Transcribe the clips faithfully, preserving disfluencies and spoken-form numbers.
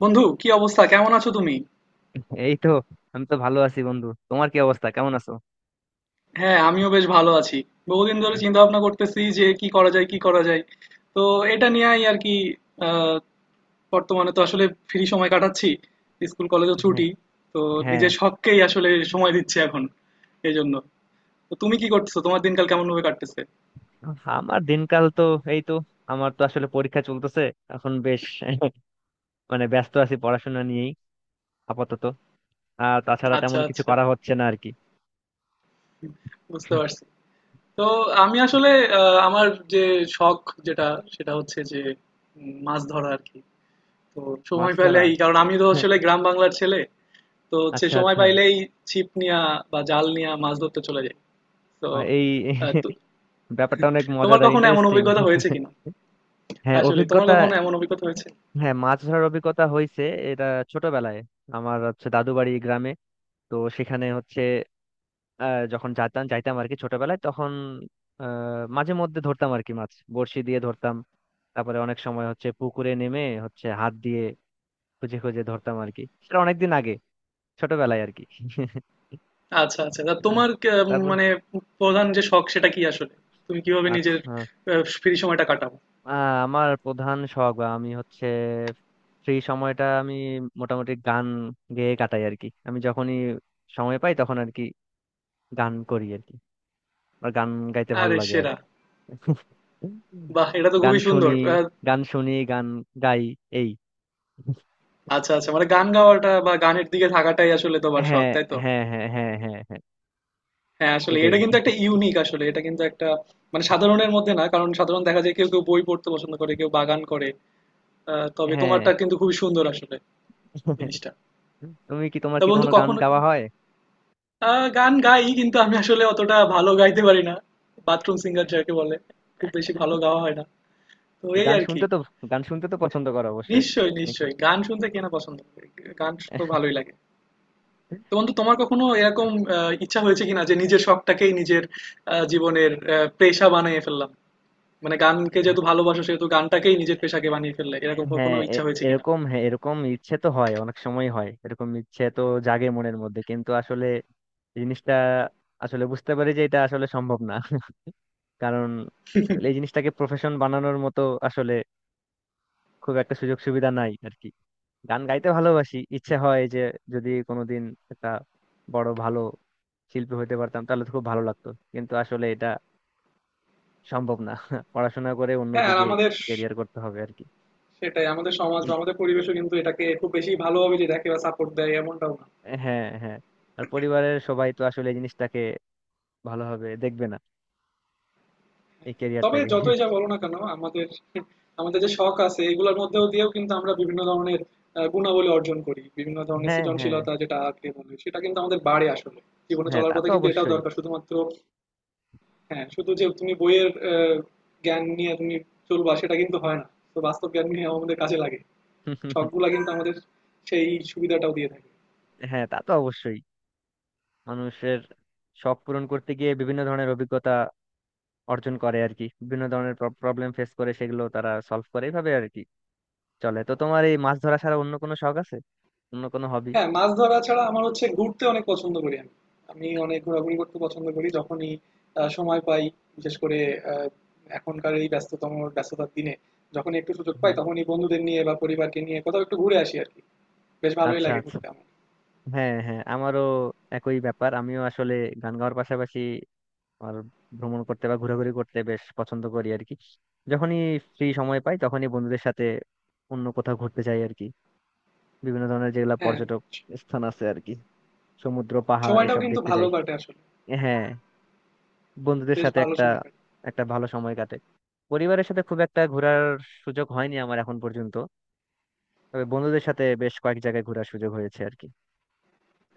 বন্ধু, কি অবস্থা? কেমন আছো তুমি? এই তো আমি তো ভালো আছি বন্ধু, তোমার কি অবস্থা, কেমন আছো? হ্যাঁ, আমিও বেশ ভালো আছি। বহুদিন ধরে কি- চিন্তা ভাবনা করতেছি যে কি করা যায় কি করা যায়। তো এটা নিয়েই আর কি। আহ, বর্তমানে তো আসলে ফ্রি সময় কাটাচ্ছি। স্কুল কলেজও হ্যাঁ। ছুটি। তো হ্যাঁ, নিজের শখকেই আসলে সময় দিচ্ছি এখন। এই জন্য। তো তুমি কি করতেছো? তোমার দিনকাল কেমন ভাবে কাটতেছে? আমার দিনকাল তো এই তো, আমার তো আসলে পরীক্ষা চলতেছে এখন। বেশ মানে ব্যস্ত আছি পড়াশোনা নিয়েই আপাতত। আর তাছাড়া আচ্ছা তেমন কিছু আচ্ছা, করা হচ্ছে না আর কি। বুঝতে পারছি। তো আমি আসলে আহ, আমার যে শখ যেটা সেটা হচ্ছে যে উম, মাছ ধরা আর কি। তো মাছ সময় ধরা! পেলেই, কারণ আমি তো আসলে গ্রাম বাংলার ছেলে। তো হচ্ছে আচ্ছা সময় আচ্ছা। পাইলেই ছিপ নিয়া বা জাল নিয়া মাছ ধরতে চলে যাই। তো বাহ, এই আহ, তো- ব্যাপারটা অনেক তোমার মজাদার, কখনো এমন ইন্টারেস্টিং। অভিজ্ঞতা হয়েছে কিনা? হ্যাঁ, আসলে তোমার অভিজ্ঞতা। কখনো এমন অভিজ্ঞতা হয়েছে? হ্যাঁ, মাছ ধরার অভিজ্ঞতা হয়েছে। এটা ছোটবেলায়। আমার হচ্ছে দাদু বাড়ি গ্রামে। তো সেখানে হচ্ছে আহ, যখন যেতাম যাইতাম আর কি ছোটবেলায়, তখন আহ, মাঝে মধ্যে ধরতাম আর কি, মাছ বড়শি দিয়ে ধরতাম। তারপরে অনেক সময় হচ্ছে পুকুরে নেমে হচ্ছে হাত দিয়ে খুঁজে খুঁজে ধরতাম আর কি। সেটা অনেকদিন আগে, ছোটবেলায় আর কি। আহ, আচ্ছা আচ্ছা, তা তোমার কে- উম, তারপর মানে প্রধান যে শখ সেটা কি আসলে, তুমি কিভাবে আচ্ছা। নিজের আহ, ফ্রি সময়টা কাটাও? আমার প্রধান শখ বা আমি হচ্ছে ফ্রি সময়টা আমি মোটামুটি গান গেয়ে কাটাই আর কি। আমি যখনই সময় পাই তখন আর কি গান করি আর কি। আমার গান গাইতে ভালো আরে লাগে আর সেরা, কি। বাহ এটা তো গান খুবই সুন্দর। শুনি, আহ, গান শুনি, গান গাই এই। আচ্ছা আচ্ছা, মানে গান গাওয়াটা বা গানের দিকে থাকাটাই আসলে তোমার শখ, হ্যাঁ, তাই তো? হ্যাঁ, হ্যাঁ, হ্যাঁ, হ্যাঁ, হ্যাঁ। হ্যাঁ, আসলে এটাই। এটা কিন্তু একটা ইউনিক, আসলে এটা কিন্তু একটা মানে সাধারণের মধ্যে না, কারণ সাধারণ দেখা যায় কেউ কেউ বই পড়তে পছন্দ করে, কেউ বাগান করে। আহ, তবে হ্যাঁ, তোমারটা কিন্তু খুবই সুন্দর আসলে জিনিসটা। তুমি কি, তোমার তা কি বন্ধু কোনো গান কখনো কি? গাওয়া হয়? আহ, গান গাই কিন্তু আমি আসলে অতটা ভালো গাইতে পারি না। বাথরুম সিঙ্গার যাকে বলে। খুব বেশি ভালো গাওয়া হয় না। তো তো এই গান আর কি। শুনতে তো, গান শুনতে তো পছন্দ করো অবশ্যই? নিশ্চয়ই নাকি? নিশ্চয়ই, গান শুনতে কে না পছন্দ করে। গান তো ভালোই লাগে। তো বন্ধু তোমার কখনো এরকম আহ, ইচ্ছা হয়েছে কিনা যে নিজের শখটাকেই নিজের আহ, জীবনের আহ, পেশা বানিয়ে ফেললাম, মানে গানকে যেহেতু ভালোবাসো সেহেতু গানটাকেই নিজের পেশাকে বানিয়ে ফেললে, এরকম হ্যাঁ, কখনো ইচ্ছা এ- হয়েছে কিনা? এরকম, হ্যাঁ এরকম ইচ্ছে তো হয় অনেক সময়, হয় এরকম ইচ্ছে তো, জাগে মনের মধ্যে। কিন্তু আসলে জিনিসটা আসলে বুঝতে পারি যে এটা আসলে সম্ভব না। কারণ এই জিনিসটাকে প্রফেশন বানানোর মতো আসলে খুব একটা সুযোগ সুবিধা নাই আর কি। গান গাইতে ভালোবাসি, ইচ্ছে হয় যে যদি কোনোদিন একটা বড় ভালো শিল্পী হইতে পারতাম তাহলে তো খুব ভালো লাগতো। কিন্তু আসলে এটা সম্ভব না পড়াশোনা করে হ্যাঁ আর অন্যদিকে আমাদের ক্যারিয়ার করতে হবে আর কি। সেটাই, আমাদের সমাজ বা উম, আমাদের পরিবেশও কিন্তু এটাকে খুব বেশি ভালোভাবে যে দেখে বা সাপোর্ট দেয় এমনটাও না। হ্যাঁ হ্যাঁ। আর পরিবারের সবাই তো আসলে এই জিনিসটাকে ভালোভাবে দেখবে না, এই তবে ক্যারিয়ারটাকে। যতই যা বলো না কেন, আমাদের আমাদের যে শখ আছে এগুলোর মধ্যেও দিয়েও কিন্তু আমরা বিভিন্ন ধরনের আহ, গুণাবলী অর্জন করি, বিভিন্ন ধরনের হ্যাঁ হ্যাঁ সৃজনশীলতা যেটা আগে বলি সেটা কিন্তু আমাদের বাড়ে আসলে। জীবনে হ্যাঁ, চলার তা পথে তো কিন্তু এটাও অবশ্যই। দরকার শুধুমাত্র। হ্যাঁ, শুধু যে তুমি বইয়ের আহ, জ্ঞান নিয়ে তুমি চলবা সেটা কিন্তু হয় না। তো বাস্তব জ্ঞান নিয়ে আমাদের কাজে লাগে। শখগুলা কিন্তু আমাদের সেই সুবিধাটাও দিয়ে থাকে। হ্যাঁ, তা তো অবশ্যই। মানুষের শখ পূরণ করতে গিয়ে বিভিন্ন ধরনের অভিজ্ঞতা অর্জন করে আর কি, বিভিন্ন ধরনের প্রবলেম ফেস করে, সেগুলো তারা সলভ করে, এইভাবে আর কি চলে। তো তোমার এই মাছ ধরা ছাড়া অন্য কোনো শখ আছে, অন্য কোনো হবি? হ্যাঁ, মাছ ধরা ছাড়া আমার হচ্ছে ঘুরতে অনেক পছন্দ করি আমি। আমি অনেক ঘোরাঘুরি করতে পছন্দ করি। যখনই আ সময় পাই, বিশেষ করে আ এখনকার এই ব্যস্ততম ব্যস্ততার দিনে যখনই একটু সুযোগ পাই, হ্যাঁ, তখনই বন্ধুদের নিয়ে বা পরিবারকে নিয়ে কোথাও একটু ঘুরে আসি আরকি। বেশ ভালোই আচ্ছা লাগে আচ্ছা। ঘুরতে আমার। হ্যাঁ হ্যাঁ, আমারও একই ব্যাপার। আমিও আসলে গান গাওয়ার পাশাপাশি আর ভ্রমণ করতে বা ঘোরাঘুরি করতে বেশ পছন্দ করি আর কি। যখনই ফ্রি সময় পাই তখনই বন্ধুদের সাথে অন্য কোথাও ঘুরতে যাই আর কি। বিভিন্ন ধরনের যেগুলা হ্যাঁ, পর্যটক স স্থান আছে আর কি, সমুদ্র পাহাড় সময়টাও এসব কিন্তু দেখতে ভালো যাই। কাটে আসলে। হ্যাঁ, বন্ধুদের বেশ সাথে ভালো একটা, সময় কাটে। একটা ভালো সময় কাটে। পরিবারের সাথে খুব একটা ঘোরার সুযোগ হয়নি আমার এখন পর্যন্ত। তবে বন্ধুদের সাথে বেশ কয়েক জায়গায় ঘোরার সুযোগ হয়েছে আর কি।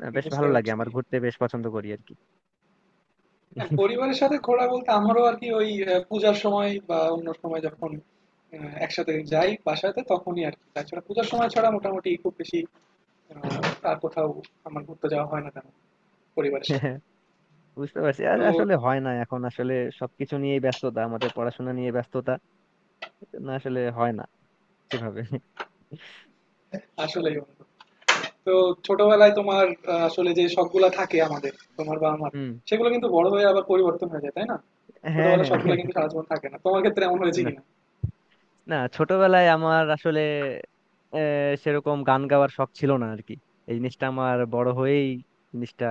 আহ, আমি বেশ বুঝতে ভালো লাগে পারছি। আমার, ঘুরতে বেশ পছন্দ করি আর কি। হ্যাঁ, পরিবারের সাথে ঘোরা বলতে আমারও আরকি ওই আ পূজার সময় বা অন্য সময় যখন আ একসাথে যাই বাসাতে তখনই আরকি। তাছাড়া পূজার সময় ছাড়া মোটামুটি খুব বেশি আহ, আর কোথাও আমার ঘুরতে যাওয়া হয় না কেন পরিবারের সাথে। বুঝতে পারছি। আর তো আসলে হয় না এখন আসলে, সবকিছু নিয়েই ব্যস্ততা, আমাদের পড়াশোনা নিয়ে ব্যস্ততা, না আসলে হয় না সেভাবে। আসলেই বন্ধু। তো ছোটবেলায় তোমার আহ, আসলে যে শখগুলা থাকে আমাদের, তোমার বা আমার, হুম। সেগুলো কিন্তু বড় হয়ে আবার পরিবর্তন হয়ে যায় তাই না? হ্যাঁ ছোটবেলার হ্যাঁ শখগুলো হ্যাঁ। কিন্তু সারা জীবন থাকে না, তোমার ক্ষেত্রে এমন হয়েছে না, কিনা? না ছোটবেলায় আমার আসলে আহ, সেরকম গান গাওয়ার শখ ছিল না আর কি। এই জিনিসটা আমার বড় হয়েই জিনিসটা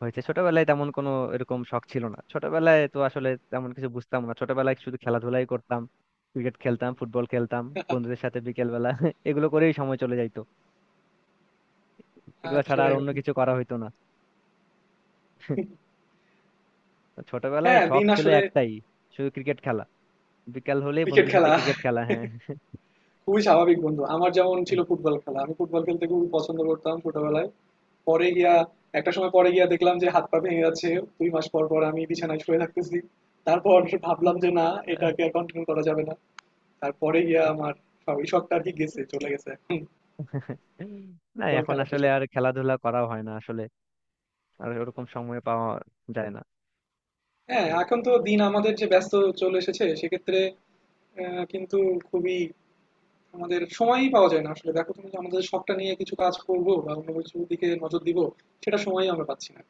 হয়েছে। ছোটবেলায় তেমন কোনো এরকম শখ ছিল না। ছোটবেলায় তো আসলে তেমন কিছু বুঝতাম না। ছোটবেলায় শুধু খেলাধুলাই করতাম, ক্রিকেট খেলতাম, ফুটবল খেলতাম বন্ধুদের সাথে বিকেল বেলা। এগুলো করেই সময় চলে যাইতো, এগুলো ছাড়া আসলে আর অন্য বন্ধু। কিছু করা হইতো না। তো ছোটবেলায় হ্যাঁ শখ দিন ছিল আসলে। একটাই, শুধু ক্রিকেট খেলা। বিকেল হলেই ক্রিকেট বন্ধুদের সাথে খেলা, ক্রিকেট খেলা, হ্যাঁ। খুবই স্বাভাবিক বন্ধু। আমার যেমন ছিল ফুটবল খেলা, আমি ফুটবল খেলতে খুবই পছন্দ করতাম ছোটবেলায়। পরে গিয়া একটা সময় পরে গিয়া দেখলাম যে হাত পা ভেঙে যাচ্ছে। দুই মাস পর পর আমি বিছানায় শুয়ে থাকতেছি। তারপর ভাবলাম যে না, এটাকে আর কন্টিনিউ করা যাবে না। তারপরে গিয়া আমার সব- এই শখটা আর কি গেছে চলে গেছে। হুম। না, ফুটবল এখন খেলার যে আসলে শখ। আর খেলাধুলা করা হয় না আসলে, আর ওরকম সময় পাওয়া যায় না হ্যাঁ এই। এখন তো দিন আমাদের যে ব্যস্ত চলে এসেছে সেক্ষেত্রে আহ, কিন্তু খুবই আমাদের সময়ই পাওয়া যায় না আসলে। দেখো তুমি যে আমাদের শখটা নিয়ে কিছু কাজ করব বা অন্য কিছু দিকে নজর দিব, সেটা সময়ই আমরা পাচ্ছি না।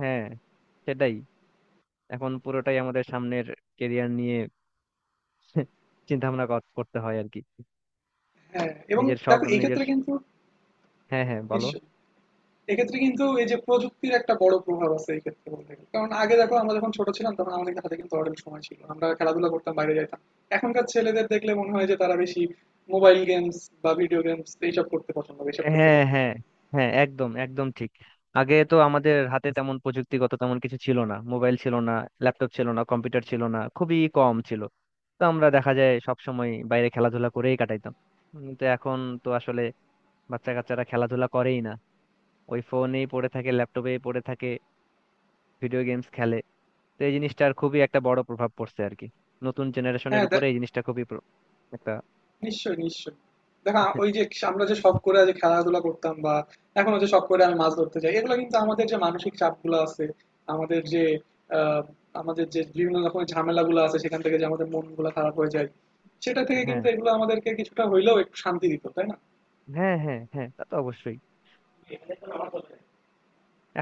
হ্যাঁ, সেটাই। এখন পুরোটাই আমাদের সামনের কেরিয়ার নিয়ে চিন্তা ভাবনা করতে হয় আর কি, হ্যাঁ এবং নিজের শখ দেখো এই নিজের। ক্ষেত্রে কিন্তু হ্যাঁ হ্যাঁ, বলো। নিশ্চয়, এক্ষেত্রে কিন্তু এই যে প্রযুক্তির একটা বড় প্রভাব আছে এই ক্ষেত্রে বলতে গেলে। কারণ আগে দেখো, আমরা যখন ছোট ছিলাম তখন আমাদের হাতে কিন্তু অনেক সময় ছিল, আমরা খেলাধুলা করতাম, বাইরে যাইতাম। এখনকার ছেলেদের দেখলে মনে হয় যে তারা বেশি মোবাইল গেমস বা ভিডিও গেমস এইসব করতে পছন্দ করে, এইসব খেলতে হ্যাঁ পছন্দ করে। হ্যাঁ হ্যাঁ, একদম একদম ঠিক। আগে তো আমাদের হাতে তেমন প্রযুক্তিগত তেমন কিছু ছিল না, মোবাইল ছিল না, ল্যাপটপ ছিল না, কম্পিউটার ছিল না, খুবই কম ছিল। তো আমরা দেখা যায় সব সময় বাইরে খেলাধুলা করেই কাটাইতাম। কিন্তু এখন তো আসলে বাচ্চা কাচ্চারা খেলাধুলা করেই না, ওই ফোনেই পড়ে থাকে, ল্যাপটপেই পড়ে থাকে, ভিডিও গেমস খেলে। তো এই জিনিসটার খুবই একটা বড় প্রভাব পড়ছে আর কি নতুন জেনারেশনের হ্যাঁ দেখ, উপরে। এই জিনিসটা খুবই প্র- একটা। নিশ্চয়ই নিশ্চয়ই, দেখো আ- ওই যে আমরা যে শখ করে যে খেলাধুলা করতাম বা এখনো যে শখ করে আমি মাছ ধরতে যাই, এগুলো কিন্তু আমাদের যে মানসিক চাপগুলো আছে, আমাদের যে আহ, আমাদের যে বিভিন্ন রকমের ঝামেলাগুলো আছে সেখান থেকে যে আমাদের মনগুলো খারাপ হয়ে যায়, সেটা থেকে হ্যাঁ কিন্তু এগুলো আমাদেরকে কিছুটা হইলেও একটু শান্তি দিত তাই না? হ্যাঁ। হ্যাঁ হ্যাঁ, তা তো অবশ্যই।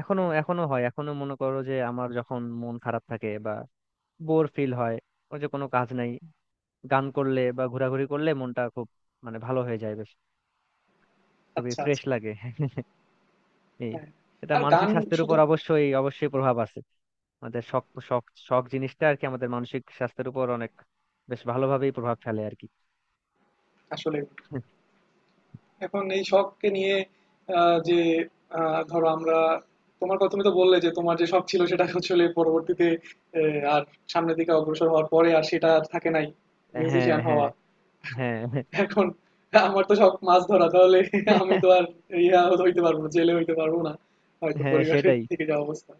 এখনো, এখনো হয়। এখনো মনে করো যে আমার যখন মন খারাপ থাকে বা বোর ফিল হয়, ওই যে কোনো কাজ নাই, গান করলে বা ঘোরাঘুরি করলে মনটা খুব মানে ভালো হয়ে যায় বেশ, খুবই আচ্ছা ফ্রেশ আচ্ছা। লাগে। এই হ্যাঁ এটা আর মানসিক গান স্বাস্থ্যের শুধু উপর অবশ্যই অবশ্যই প্রভাব আছে। আমাদের শখ, শখ শখ জিনিসটা আর কি আমাদের মানসিক স্বাস্থ্যের উপর অনেক বেশ ভালোভাবেই প্রভাব ফেলে আর কি। আসলে এখন এই শখকে নিয়ে আহ, যে আহ, ধরো আমরা, তোমার কথা তুমি তো বললে যে তোমার যে শখ ছিল সেটা আসলে পরবর্তীতে আহ, আর সামনের দিকে অগ্রসর হওয়ার পরে আর সেটা আর থাকে নাই, হ্যাঁ মিউজিশিয়ান হ্যাঁ। হওয়া। হ্যাঁ এখন আমার তো শখ মাছ ধরা, তাহলে আমি তো আর ইয়া হইতে পারবো না, জেলে হইতে পারবো না, হয়তো হ্যাঁ, পরিবারের সেটাই। থেকে যা অবস্থা।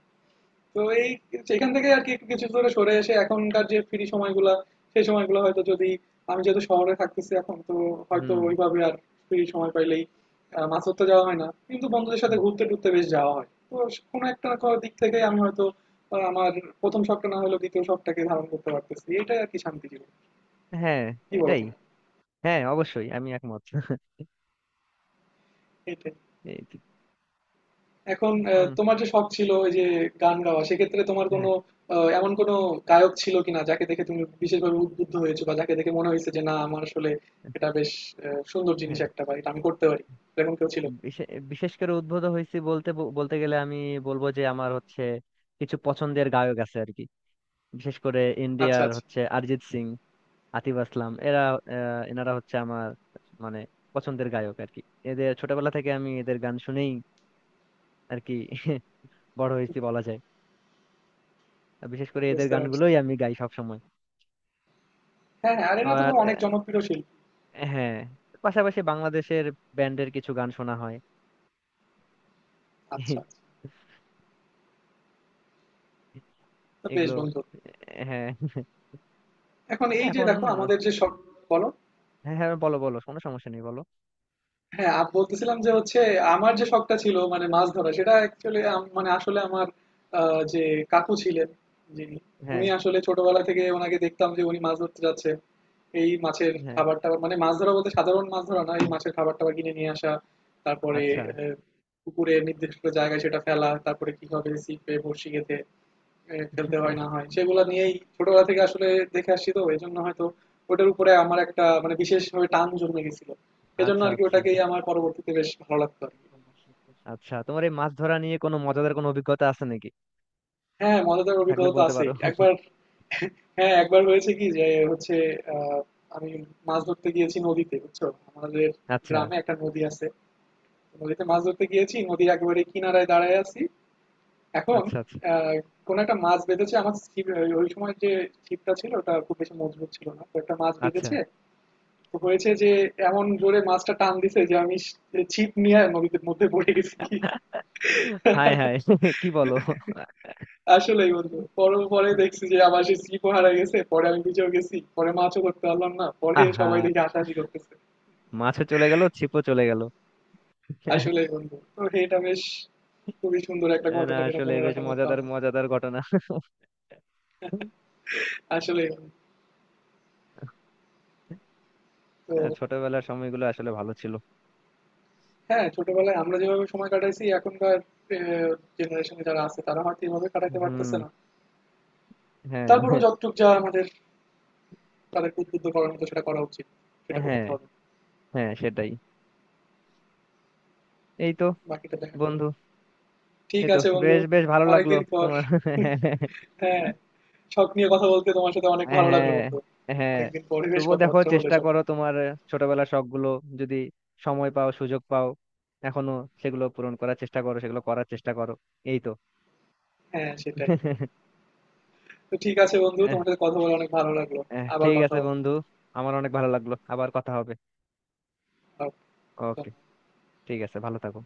তো এই সেখান থেকে আর কি একটু কিছু দূরে সরে এসে এখনকার যে ফ্রি সময়গুলা, সেই সময়গুলো হয়তো যদি আমি যেহেতু শহরে থাকতেছি এখন তো, হয়তো হুম। ওইভাবে আর ফ্রি সময় পাইলেই আহ, মাছ ধরতে যাওয়া হয় না কিন্তু বন্ধুদের সাথে হুম। ঘুরতে টুরতে বেশ যাওয়া হয় তো। কোনো একটা না কোনো দিক থেকে আমি হয়তো আহ, আমার প্রথম শখটা না হলেও দ্বিতীয় শখটাকে ধারণ করতে পারতেছি, এটাই আর কি শান্তি জীবন। হ্যাঁ, কি বলো এটাই। তুমি? হ্যাঁ অবশ্যই, আমি একমত। এটাই। এখন আহ, উম, তোমার যে শখ ছিল ওই যে গান গাওয়া সেক্ষেত্রে তোমার হ্যাঁ। কোনো আহ, এমন কোনো গায়ক ছিল কিনা যাকে দেখে তুমি বিশেষভাবে উদ্বুদ্ধ হয়েছো বা যাকে দেখে মনে হয়েছে যে না আমার আসলে এটা বেশ আহ, সুন্দর জিনিস হ্যাঁ, একটা বা এটা আমি করতে পারি এরকম কেউ ছিল? বিশে- বিশেষ করে উদ্ভূত হয়েছি বলতে ব- বলতে গেলে আমি বলবো যে আমার হচ্ছে কিছু পছন্দের গায়ক আছে আর কি। বিশেষ করে আচ্ছা ইন্ডিয়ার আচ্ছা, হচ্ছে অরিজিৎ সিং, আতিফ আসলাম, এরা আহ, এনারা হচ্ছে আমার মানে পছন্দের গায়ক আর কি। এদের ছোটবেলা থেকে আমি এদের গান শুনেই আর কি বড় হয়েছি বলা যায়। আর বিশেষ করে এদের বুঝতে পারছি। গানগুলোই আমি গাই সব সময়। হ্যাঁ হ্যাঁ, আরে না তুমি আর অনেক আহ, জনপ্রিয় শিল্পী। হ্যাঁ পাশাপাশি বাংলাদেশের ব্যান্ডের কিছু গান শোনা হয়। আচ্ছা আচ্ছা, তো বেশ এগুলো। বন্ধু, হ্যাঁ, এখন এই যে এখন। দেখো আমাদের যে শখ। বলো। হ্যাঁ হ্যাঁ, বলো বলো, কোনো সমস্যা নেই, বলো। হ্যাঁ, আমি বলতেছিলাম যে হচ্ছে আমার যে শখটা ছিল মানে মাছ ধরা, সেটা অ্যাকচুয়ালি মানে আসলে আমার আহ, যে কাকু ছিলেন যিনি, হ্যাঁ উনি আসলে ছোটবেলা থেকে ওনাকে দেখতাম যে উনি মাছ ধরতে যাচ্ছে। এই মাছের হ্যাঁ। খাবার টাবার, মানে মাছ ধরা বলতে সাধারণ মাছ ধরা না, এই মাছের খাবার টাবার কিনে নিয়ে আসা, তারপরে আচ্ছা। আহ, পুকুরে নির্দিষ্ট জায়গায় সেটা ফেলা, তারপরে কি হবে ছিপে বড়শি গেঁথে এ, খেলতে হয় না হয়, সেগুলো নিয়েই ছোটবেলা থেকে আসলে দেখে আসছি। তো এই জন্য হয়তো ওটার উপরে আমার একটা মানে বিশেষভাবে টান জন্মে গেছিল, এজন্য আচ্ছা আর কি আচ্ছা। ওটাকেই আমার পরবর্তীতে বেশ ভালো লাগতো আর কি। আচ্ছা, তোমার এই মাছ ধরা নিয়ে কোনো মজাদার কোনো অভিজ্ঞতা আছে নাকি? হ্যাঁ মজাদার থাকলে অভিজ্ঞতা তো বলতে পারো। আছেই একবার। হ্যাঁ একবার হয়েছে কি যে হচ্ছে আহ, আমি মাছ ধরতে গিয়েছি নদীতে বুঝছো, আমাদের আচ্ছা। গ্রামে একটা নদী আছে। নদীতে মাছ ধরতে গিয়েছি নদীর একেবারে কিনারায় দাঁড়ায় আছি। এখন আচ্ছা। আচ্ছা। আহ, কোনো একটা মাছ বেঁধেছে আমার ছিপ, ওই ওই সময় যে ছিপটা ছিল ওটা খুব বেশি মজবুত ছিল না, তো একটা মাছ আচ্ছা। বেঁধেছে। তো হয়েছে যে এমন জোরে মাছটা টান দিছে যে আমি ছিপ নিয়ে নদীর মধ্যে পড়ে গেছি। হাই হাই, কি বলো! আসলেই বন্ধু, পরে পরে দেখছি যে আমার সেই ছিপও হারা গেছে, পরে আমি নিজেও গেছি, পরে মাছও করতে পারলাম না, পরে আহা, সবাই দেখে হাসাহাসি করতেছে। মাছও চলে গেল, ছিপও চলে গেল। আসলেই বন্ধু তো এটা বেশ খুবই সুন্দর একটা না ঘটনা যেটা আসলে মনে বেশ রাখার মতো মজাদার, আমার। মজাদার ঘটনা। আসলেই বন্ধু। তো ছোটবেলার সময়গুলো আসলে ভালো ছিল। হ্যাঁ, ছোটবেলায় আমরা যেভাবে সময় কাটাইছি এখনকার জেনারেশনে যারা আছে তারা হয়তো এভাবে কাটাতে পারতেছে হুম। না। হ্যাঁ হ্যাঁ। তারপরেও যতটুক যা আমাদের তাদেরকে উদ্বুদ্ধ করার মতো সেটা করা উচিত। সেটা হ্যাঁ। করতে হবে। হ্যাঁ, সেটাই। এই তো বাকিটা দেখার। বন্ধু, ঠিক এই তো আছে বন্ধু, বেশ, বেশ ভালো লাগলো অনেকদিন পর। তোমার। হ্যাঁ, শখ নিয়ে কথা বলতে তোমার সাথে অনেক ভালো লাগলো হ্যাঁ বন্ধু। হ্যাঁ। অনেকদিন পরে বেশ তবুও দেখো, কথাবার্তা হলো চেষ্টা এসব করো নিয়ে। তোমার ছোটবেলার শখ গুলো যদি সময় পাও সুযোগ পাও এখনো সেগুলো পূরণ করার চেষ্টা করো, সেগুলো করার চেষ্টা করো। এই তো। হ্যাঁ, সেটাই। তো ঠিক আছে বন্ধু, আহ, তোমার সাথে কথা বলে অনেক ভালো লাগলো। আহ, আবার ঠিক কথা আছে হবে। বন্ধু, আমার অনেক ভালো লাগলো, আবার কথা হবে। ওকে, ঠিক আছে, ভালো থাকো।